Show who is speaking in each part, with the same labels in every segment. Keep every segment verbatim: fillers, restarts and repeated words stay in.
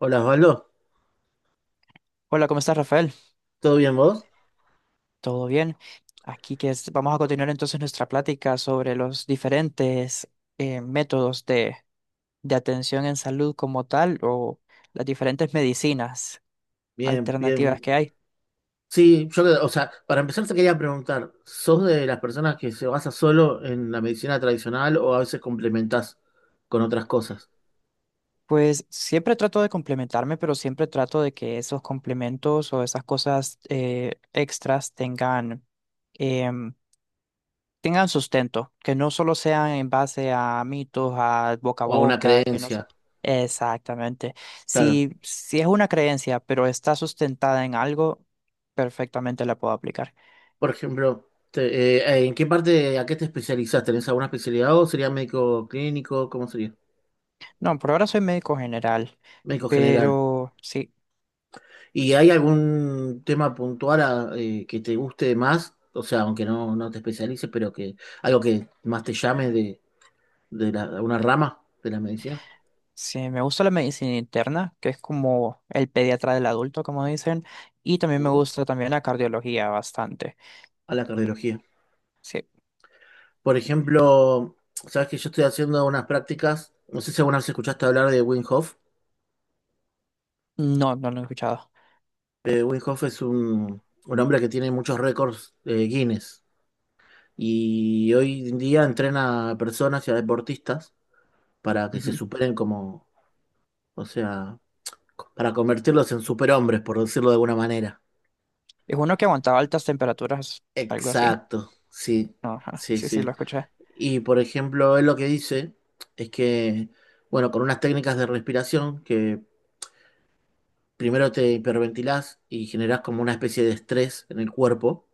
Speaker 1: Hola Osvaldo,
Speaker 2: Hola, ¿cómo estás, Rafael?
Speaker 1: ¿todo bien vos?
Speaker 2: ¿Todo bien? Aquí que es- vamos a continuar entonces nuestra plática sobre los diferentes eh, métodos de, de atención en salud como tal o las diferentes medicinas
Speaker 1: Bien,
Speaker 2: alternativas
Speaker 1: bien.
Speaker 2: que hay.
Speaker 1: Sí, yo, o sea, para empezar te quería preguntar, ¿sos de las personas que se basa solo en la medicina tradicional o a veces complementás con otras cosas?
Speaker 2: Pues siempre trato de complementarme, pero siempre trato de que esos complementos o esas cosas eh, extras tengan, em, tengan sustento, que no solo sean en base a mitos, a boca a
Speaker 1: O a una
Speaker 2: boca, que no sé.
Speaker 1: creencia,
Speaker 2: Exactamente.
Speaker 1: claro.
Speaker 2: Si, si es una creencia, pero está sustentada en algo, perfectamente la puedo aplicar.
Speaker 1: Por ejemplo, te- eh, eh, ¿en qué parte, a qué te especializás? ¿Tenés alguna especialidad o sería médico clínico? ¿Cómo sería?
Speaker 2: No, por ahora soy médico general,
Speaker 1: Médico general.
Speaker 2: pero sí,
Speaker 1: ¿Y hay algún tema puntual a, eh, que te guste más? O sea, aunque no, no te especialices, pero que algo que más te llame de la- una rama de la medicina.
Speaker 2: sí, me gusta la medicina interna, que es como el pediatra del adulto, como dicen, y también me
Speaker 1: Mm.
Speaker 2: gusta también la cardiología bastante.
Speaker 1: A la cardiología.
Speaker 2: Sí,
Speaker 1: Por ejemplo, sabes que yo estoy haciendo unas prácticas, no sé si alguna vez escuchaste hablar de Wim Hof.
Speaker 2: no, no lo he escuchado.
Speaker 1: Eh, Wim Hof es un, un hombre que tiene muchos récords eh, Guinness, y hoy en día entrena a personas y a deportistas para que se
Speaker 2: Ujú.
Speaker 1: superen como, o sea, para convertirlos en superhombres, por decirlo de alguna manera.
Speaker 2: Es uno que aguantaba altas temperaturas, algo así.
Speaker 1: Exacto, sí,
Speaker 2: No, ajá,
Speaker 1: sí,
Speaker 2: sí, sí, lo
Speaker 1: sí.
Speaker 2: escuché.
Speaker 1: Y por ejemplo, él lo que dice es que, bueno, con unas técnicas de respiración, que primero te hiperventilás y generás como una especie de estrés en el cuerpo,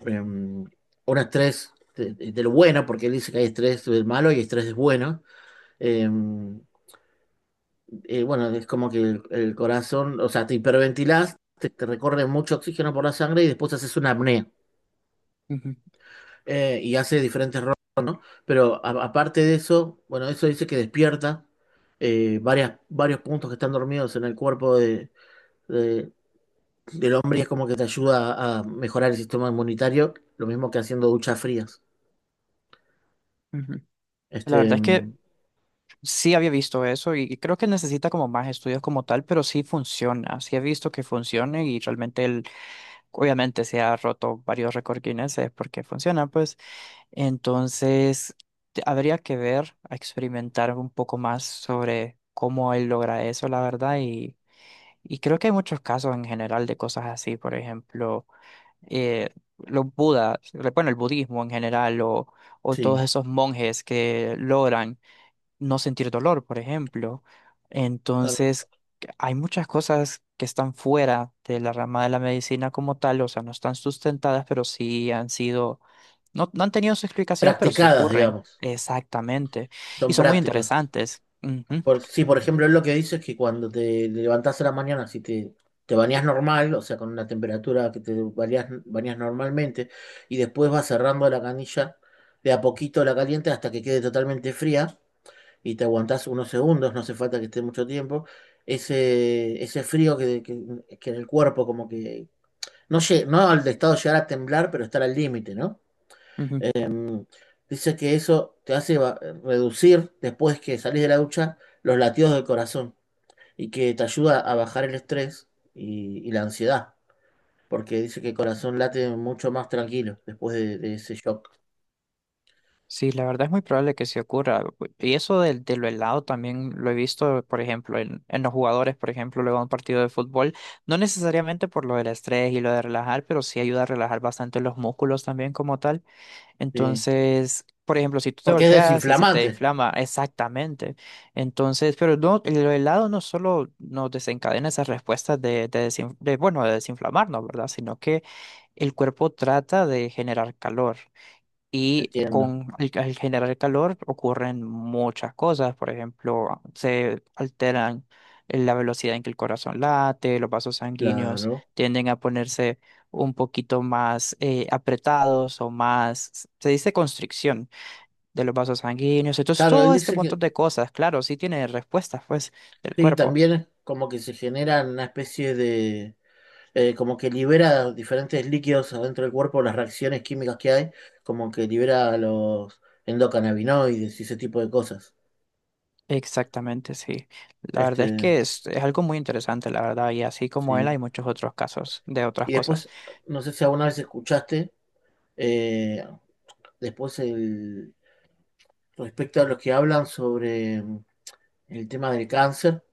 Speaker 1: eh, un estrés de, de- de lo bueno, porque él dice que hay estrés del malo y estrés del bueno. Eh, eh, bueno, es como que el, el corazón, o sea, te hiperventilás, te, te recorre mucho oxígeno por la sangre y después haces una apnea.
Speaker 2: Ujú,
Speaker 1: Eh, y hace diferentes. Pero a- aparte de eso, bueno, eso dice que despierta eh, varias, varios puntos que están dormidos en el cuerpo de, de- del hombre y es como que te ayuda a mejorar el sistema inmunitario, lo mismo que haciendo duchas frías.
Speaker 2: ujú. La
Speaker 1: Este,
Speaker 2: verdad es que
Speaker 1: mm,
Speaker 2: sí había visto eso y creo que necesita como más estudios como tal, pero sí funciona, sí he visto que funciona y realmente él, obviamente se ha roto varios récords Guinness eh, porque funciona, pues. Entonces, te- habría que ver, a experimentar un poco más sobre cómo él logra eso, la verdad, y, y creo que hay muchos casos en general de cosas así, por ejemplo. eh, los budas, bueno, el budismo en general, o, o todos
Speaker 1: sí.
Speaker 2: esos monjes que logran no sentir dolor, por ejemplo.
Speaker 1: Ah, no.
Speaker 2: Entonces, hay muchas cosas que están fuera de la rama de la medicina como tal, o sea, no están sustentadas, pero sí han sido, no, no han tenido su explicación, pero sí
Speaker 1: Practicadas,
Speaker 2: ocurren.
Speaker 1: digamos,
Speaker 2: Exactamente. Y
Speaker 1: son
Speaker 2: son muy
Speaker 1: prácticas.
Speaker 2: interesantes. Ujú,
Speaker 1: Por, sí, por ejemplo, él lo que dice es que cuando te levantas a la mañana, si te, te bañas normal, o sea, con una temperatura que te bañas bañás normalmente, y después vas cerrando la canilla, de a poquito la caliente hasta que quede totalmente fría, y te aguantás unos segundos, no hace falta que esté mucho tiempo, ese, ese frío que, que, que en el cuerpo como que... No, lle- no al de estado de llegar a temblar, pero estar al límite, ¿no?
Speaker 2: ujú.
Speaker 1: Mm. Dice que eso te hace va- reducir, después que salís de la ducha, los latidos del corazón y que te ayuda a bajar el estrés y, y la ansiedad, porque dice que el corazón late mucho más tranquilo después de, de ese shock.
Speaker 2: Sí, la verdad es muy probable que se ocurra. Y eso del, de lo helado también lo he visto, por ejemplo, en, en los jugadores, por ejemplo, luego de un partido de fútbol, no necesariamente por lo del estrés y lo de relajar, pero sí ayuda a relajar bastante los músculos también como tal.
Speaker 1: Sí.
Speaker 2: Entonces, por ejemplo, si tú te
Speaker 1: Porque es
Speaker 2: golpeas y se te
Speaker 1: desinflamante,
Speaker 2: inflama, exactamente. Entonces, pero no, lo helado no solo nos desencadena esas respuestas de, de, desin- de, bueno, de desinflamarnos, ¿verdad? Sino que el cuerpo trata de generar calor. Y
Speaker 1: entiendo.
Speaker 2: con el, al generar calor ocurren muchas cosas, por ejemplo, se alteran eh, la velocidad en que el corazón late, los vasos sanguíneos
Speaker 1: Claro.
Speaker 2: tienden a ponerse un poquito más eh, apretados o más, se dice constricción de los vasos sanguíneos. Entonces,
Speaker 1: Claro, él
Speaker 2: todo este
Speaker 1: dice
Speaker 2: montón
Speaker 1: que
Speaker 2: de cosas, claro, sí tiene respuestas, pues, del
Speaker 1: sí,
Speaker 2: cuerpo.
Speaker 1: también como que se genera una especie de... eh, Como que libera diferentes líquidos adentro del cuerpo, las reacciones químicas que hay, como que libera los endocannabinoides y ese tipo de cosas.
Speaker 2: Exactamente, sí. La verdad es
Speaker 1: Este,
Speaker 2: que es, es algo muy interesante, la verdad, y así como él
Speaker 1: sí.
Speaker 2: hay muchos otros casos de otras
Speaker 1: Y
Speaker 2: cosas.
Speaker 1: después, no sé si alguna vez escuchaste, eh, después, el, respecto a los que hablan sobre mm, el tema del cáncer,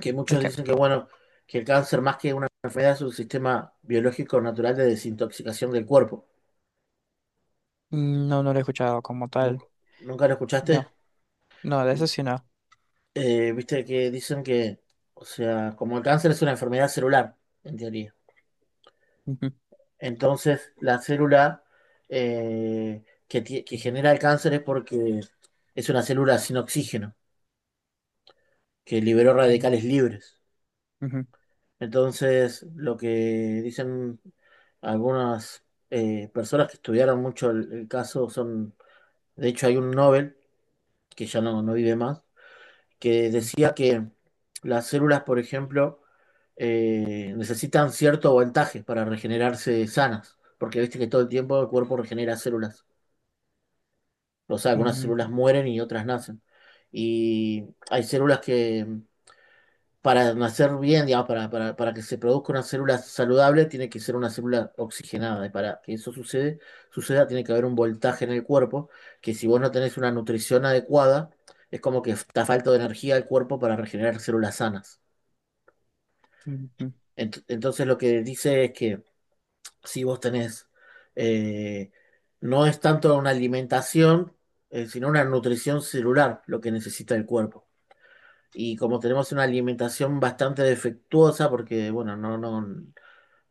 Speaker 1: que
Speaker 2: El
Speaker 1: muchos dicen que, bueno, que el cáncer más que una enfermedad es un sistema biológico natural de desintoxicación del cuerpo.
Speaker 2: mm, no, no lo he escuchado como tal.
Speaker 1: ¿Nunca, nunca lo escuchaste?
Speaker 2: No, no, de eso sí no.
Speaker 1: Eh, Viste que dicen que, o sea, como el cáncer es una enfermedad celular, en teoría.
Speaker 2: Ujú,
Speaker 1: Entonces, la célula eh, que, ti- que genera el cáncer es porque es una célula sin oxígeno, que liberó radicales libres.
Speaker 2: ujú,
Speaker 1: Entonces, lo que dicen algunas eh, personas que estudiaron mucho el, el caso son, de hecho hay un Nobel, que ya no, no vive más, que decía que las células, por ejemplo, eh, necesitan cierto voltaje para regenerarse sanas, porque viste que todo el tiempo el cuerpo regenera células, o sea, algunas células
Speaker 2: ujú,
Speaker 1: mueren y otras nacen. Y hay células que para nacer bien, digamos, para, para, para que se produzca una célula saludable, tiene que ser una célula oxigenada. Y para que eso sucede, suceda, tiene que haber un voltaje en el cuerpo, que si vos no tenés una nutrición adecuada, es como que está falta de energía al cuerpo para regenerar células sanas.
Speaker 2: ujú, ujú,
Speaker 1: Ent- entonces lo que dice es que si vos tenés, eh, no es tanto una alimentación, eh, sino una nutrición celular lo que necesita el cuerpo, y como tenemos una alimentación bastante defectuosa, porque bueno, no, no,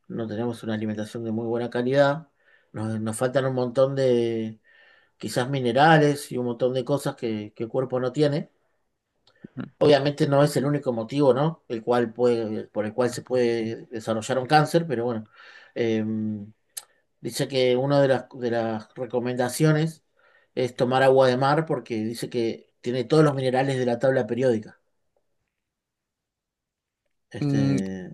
Speaker 1: no tenemos una alimentación de muy buena calidad, nos, nos faltan un montón de quizás minerales y un montón de cosas que, que el cuerpo no tiene.
Speaker 2: ujú.
Speaker 1: Obviamente no es el único motivo, ¿no? El cual puede, por el cual se puede desarrollar un cáncer, pero bueno, eh, dice que una de las, de las recomendaciones es tomar agua de mar porque dice que tiene todos los minerales de la tabla periódica.
Speaker 2: Mm,
Speaker 1: Este,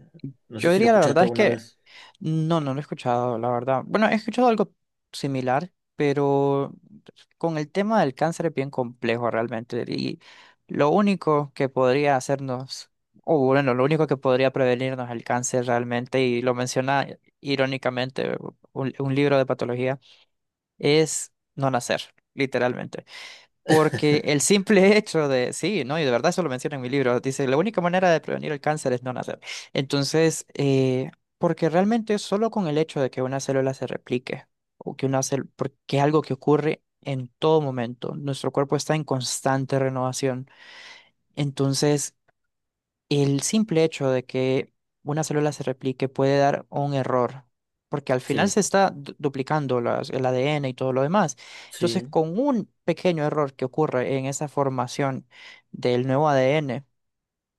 Speaker 1: no sé
Speaker 2: yo
Speaker 1: si lo
Speaker 2: diría la
Speaker 1: escuchaste
Speaker 2: verdad es
Speaker 1: alguna
Speaker 2: que
Speaker 1: vez.
Speaker 2: no, no lo he escuchado, la verdad. Bueno, he escuchado algo similar, pero con el tema del cáncer es bien complejo realmente. Y lo único que podría hacernos, o bueno, lo único que podría prevenirnos el cáncer realmente, y lo menciona irónicamente un un libro de patología, es no nacer, literalmente. Porque el simple hecho de, sí, ¿no? Y de verdad eso lo menciono en mi libro, dice, la única manera de prevenir el cáncer es no nacer. Entonces, eh, porque realmente solo con el hecho de que una célula se replique, o que una célula, porque es algo que ocurre en todo momento, nuestro cuerpo está en constante renovación. Entonces, el simple hecho de que una célula se replique puede dar un error, porque al final
Speaker 1: Sí,
Speaker 2: se está du- duplicando las- el A D N y todo lo demás. Entonces,
Speaker 1: sí,
Speaker 2: con un pequeño error que ocurre en esa formación del nuevo A D N,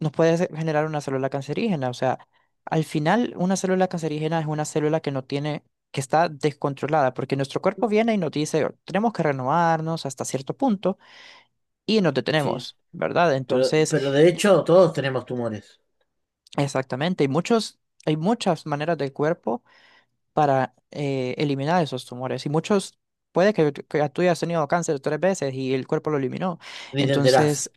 Speaker 2: nos puede se- generar una célula cancerígena. O sea, al final, una célula cancerígena es una célula que no tiene, que está descontrolada, porque nuestro cuerpo viene y nos dice, tenemos que renovarnos hasta cierto punto y nos
Speaker 1: sí.
Speaker 2: detenemos, ¿verdad?
Speaker 1: Pero,
Speaker 2: Entonces...
Speaker 1: pero de hecho todos tenemos tumores.
Speaker 2: Exactamente, hay muchos, hay muchas maneras del cuerpo para eh, eliminar esos tumores y muchos, puede que, que tú hayas tenido cáncer tres veces y el cuerpo lo eliminó.
Speaker 1: Ni te enterás.
Speaker 2: Entonces,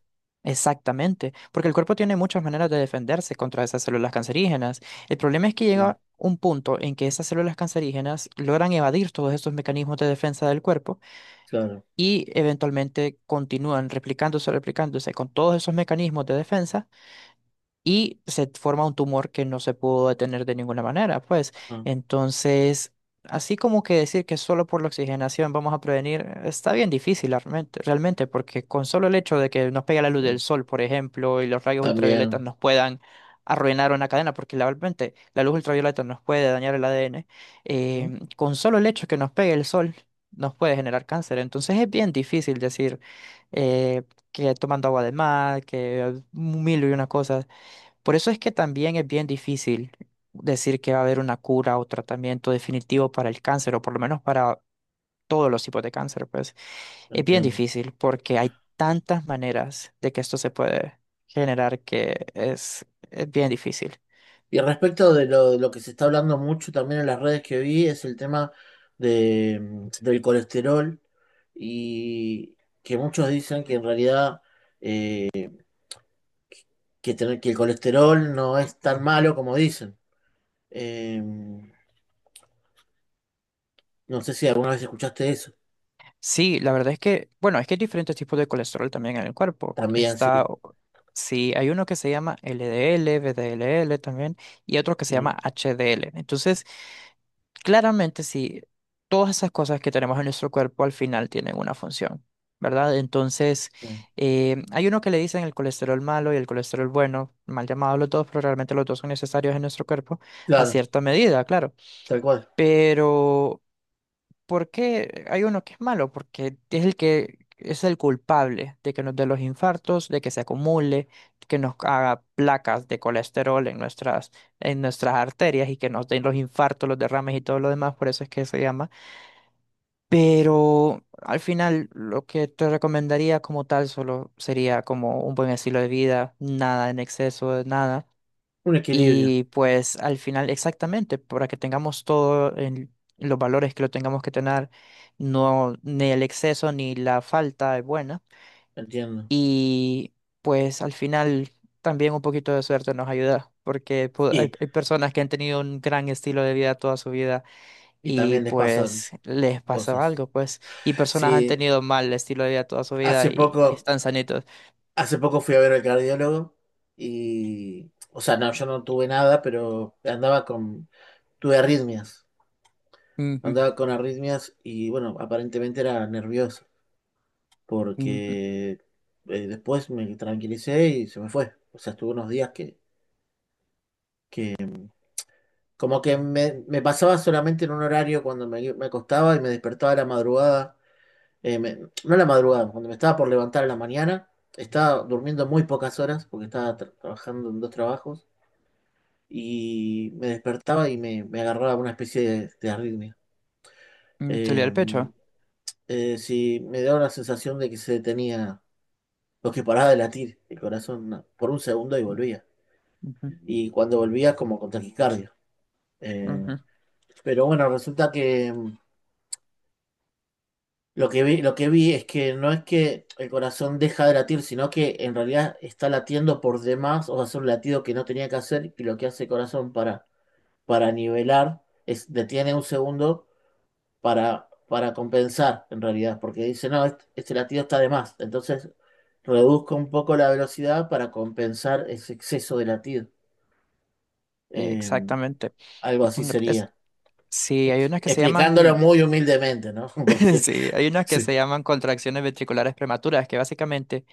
Speaker 2: exactamente, porque el cuerpo tiene muchas maneras de defenderse contra esas células cancerígenas. El problema es que
Speaker 1: Sí,
Speaker 2: llega un punto en que esas células cancerígenas logran evadir todos estos mecanismos de defensa del cuerpo
Speaker 1: claro.
Speaker 2: y eventualmente continúan replicándose, replicándose con todos esos mecanismos de defensa y se forma un tumor que no se pudo detener de ninguna manera, pues.
Speaker 1: Ajá,
Speaker 2: Entonces, así como que decir que solo por la oxigenación vamos a prevenir, está bien difícil realmente, realmente, porque con solo el hecho de que nos pegue la luz del
Speaker 1: sí.
Speaker 2: sol, por ejemplo, y los rayos ultravioletas
Speaker 1: También.
Speaker 2: nos puedan arruinar una cadena, porque la- realmente la luz ultravioleta nos puede dañar el A D N,
Speaker 1: ¿Mm?
Speaker 2: eh, con solo el hecho que nos pegue el sol nos puede generar cáncer. Entonces es bien difícil decir eh, que tomando agua de mar, que mil y una cosas. Por eso es que también es bien difícil decir que va a haber una cura o tratamiento definitivo para el cáncer, o por lo menos para todos los tipos de cáncer, pues
Speaker 1: No
Speaker 2: es bien
Speaker 1: entiendo.
Speaker 2: difícil porque hay tantas maneras de que esto se puede generar que es, es bien difícil.
Speaker 1: Y respecto de lo, de lo que se está hablando mucho también en las redes que vi, es el tema de, mm, del colesterol, y que muchos dicen que en realidad que, tener, que el colesterol no es tan malo como dicen. Eh, no sé si alguna vez escuchaste eso.
Speaker 2: Sí, la verdad es que, bueno, es que hay diferentes tipos de colesterol también en el cuerpo.
Speaker 1: También, sí,
Speaker 2: Está, sí, hay uno que se llama L D L, V D L L también, y otro que se
Speaker 1: sí.
Speaker 2: llama H D L. Entonces, claramente sí, todas esas cosas que tenemos en nuestro cuerpo al final tienen una función, ¿verdad? Entonces,
Speaker 1: Sí.
Speaker 2: eh, hay uno que le dicen el colesterol malo y el colesterol bueno, mal llamados los dos, pero realmente los dos son necesarios en nuestro cuerpo a
Speaker 1: Claro,
Speaker 2: cierta medida, claro.
Speaker 1: tal cual.
Speaker 2: Pero ¿por qué hay uno que es malo? Porque es el que es el culpable de que nos dé los infartos, de que se acumule, que nos haga placas de colesterol en nuestras, en nuestras arterias y que nos den los infartos, los derrames y todo lo demás, por eso es que se llama. Pero al final lo que te recomendaría como tal solo sería como un buen estilo de vida, nada en exceso, nada.
Speaker 1: Un equilibrio,
Speaker 2: Y pues al final, exactamente, para que tengamos todo en los valores que lo tengamos que tener, no, ni el exceso ni la falta es buena.
Speaker 1: entiendo.
Speaker 2: Y pues al final también un poquito de suerte nos ayuda, porque pu- hay,
Speaker 1: Y
Speaker 2: hay personas que han tenido un gran estilo de vida toda su vida
Speaker 1: Y
Speaker 2: y
Speaker 1: también les pasan
Speaker 2: pues les pasa
Speaker 1: cosas.
Speaker 2: algo, pues. Y personas han
Speaker 1: Sí,
Speaker 2: tenido mal estilo de vida toda su vida
Speaker 1: hace
Speaker 2: y ahí
Speaker 1: poco,
Speaker 2: están sanitos.
Speaker 1: hace poco fui a ver al cardiólogo y, o sea, no, yo no tuve nada, pero andaba con, tuve arritmias.
Speaker 2: Ujú,
Speaker 1: Andaba con arritmias y, bueno, aparentemente era nervioso
Speaker 2: ujú,
Speaker 1: porque eh, después me tranquilicé y se me fue. O sea, estuve unos días que, como que me, me pasaba solamente en un horario cuando me, me acostaba y me despertaba a la madrugada, eh, me- no a la madrugada, cuando me estaba por levantar en la mañana, estaba durmiendo muy pocas horas porque estaba tra- trabajando en dos trabajos y me despertaba y me, me agarraba una especie de, de arritmia.
Speaker 2: ujú, te olía
Speaker 1: Eh,
Speaker 2: el pecho.
Speaker 1: eh, sí, me daba la sensación de que se detenía, lo que paraba de latir el corazón na- por un segundo y volvía.
Speaker 2: Ujú,
Speaker 1: Y cuando volvía, como con taquicardia. Eh,
Speaker 2: ujú.
Speaker 1: pero bueno, resulta que em, Lo que vi, lo que vi es que no es que el corazón deja de latir, sino que en realidad está latiendo por demás, o sea, es un latido que no tenía que hacer, y lo que hace el corazón para, para nivelar es detiene un segundo para, para compensar, en realidad, porque dice, no, este, este latido está de más. Entonces, reduzco un poco la velocidad para compensar ese exceso de latido.
Speaker 2: Eh,
Speaker 1: Eh,
Speaker 2: Exactamente.
Speaker 1: Algo
Speaker 2: Y
Speaker 1: así
Speaker 2: una- es-
Speaker 1: sería.
Speaker 2: sí, hay
Speaker 1: Ex-
Speaker 2: unas que se
Speaker 1: Explicándolo
Speaker 2: llaman,
Speaker 1: muy humildemente, ¿no? Porque
Speaker 2: sí, hay unas que
Speaker 1: sí,
Speaker 2: se llaman contracciones ventriculares prematuras, que básicamente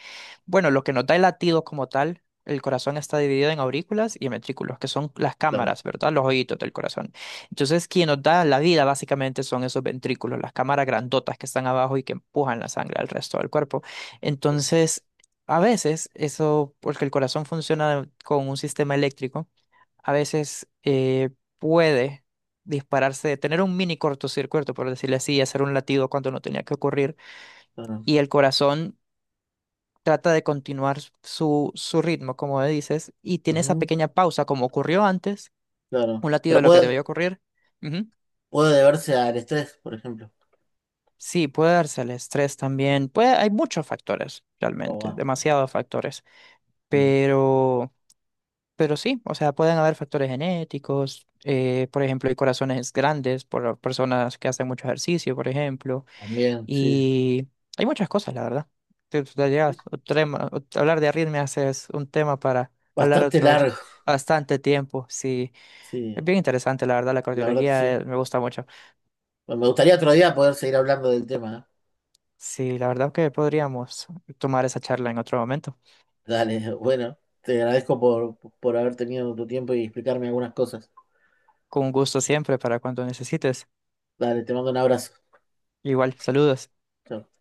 Speaker 2: bueno, lo que nos da el latido como tal, el corazón está dividido en aurículas y ventrículos, que son las
Speaker 1: claro.
Speaker 2: cámaras, ¿verdad? Los oídos del corazón. Entonces, quien nos da la vida básicamente son esos ventrículos, las cámaras grandotas que están abajo y que empujan la sangre al resto del cuerpo. Entonces, a veces eso, porque el corazón funciona con un sistema eléctrico, a veces eh, puede dispararse, tener un mini cortocircuito, por decirlo así, y hacer un latido cuando no tenía que ocurrir
Speaker 1: Claro.
Speaker 2: y el corazón trata de continuar su, su ritmo, como dices, y tiene esa
Speaker 1: Ujú.
Speaker 2: pequeña pausa, como ocurrió antes,
Speaker 1: Claro.
Speaker 2: un latido
Speaker 1: Pero
Speaker 2: de lo que
Speaker 1: puede,
Speaker 2: debió ocurrir. Ujú.
Speaker 1: puede deberse al estrés, por ejemplo.
Speaker 2: Sí, puede darse el estrés también. Puede, hay muchos factores,
Speaker 1: O
Speaker 2: realmente,
Speaker 1: a-
Speaker 2: demasiados factores.
Speaker 1: sí,
Speaker 2: Pero, pero sí, o sea, pueden haber factores genéticos, eh, por ejemplo, hay corazones grandes por personas que hacen mucho ejercicio, por ejemplo.
Speaker 1: también, sí.
Speaker 2: Y hay muchas cosas, la verdad. Te- te llegas- otro tema- ot- hablar de arritmias es un tema para hablar
Speaker 1: Bastante
Speaker 2: otros
Speaker 1: largo.
Speaker 2: bastante tiempo. Sí, es
Speaker 1: Sí,
Speaker 2: bien interesante, la verdad, la
Speaker 1: la verdad que
Speaker 2: cardiología
Speaker 1: sí.
Speaker 2: eh, me gusta mucho.
Speaker 1: Bueno, me gustaría otro día poder seguir hablando del tema, ¿eh?
Speaker 2: Sí, la verdad que podríamos tomar esa charla en otro momento.
Speaker 1: Dale, bueno, te agradezco por, por haber tenido tu tiempo y explicarme algunas cosas.
Speaker 2: Con gusto siempre para cuando necesites.
Speaker 1: Dale, te mando un abrazo.
Speaker 2: Igual, saludos.
Speaker 1: Chao.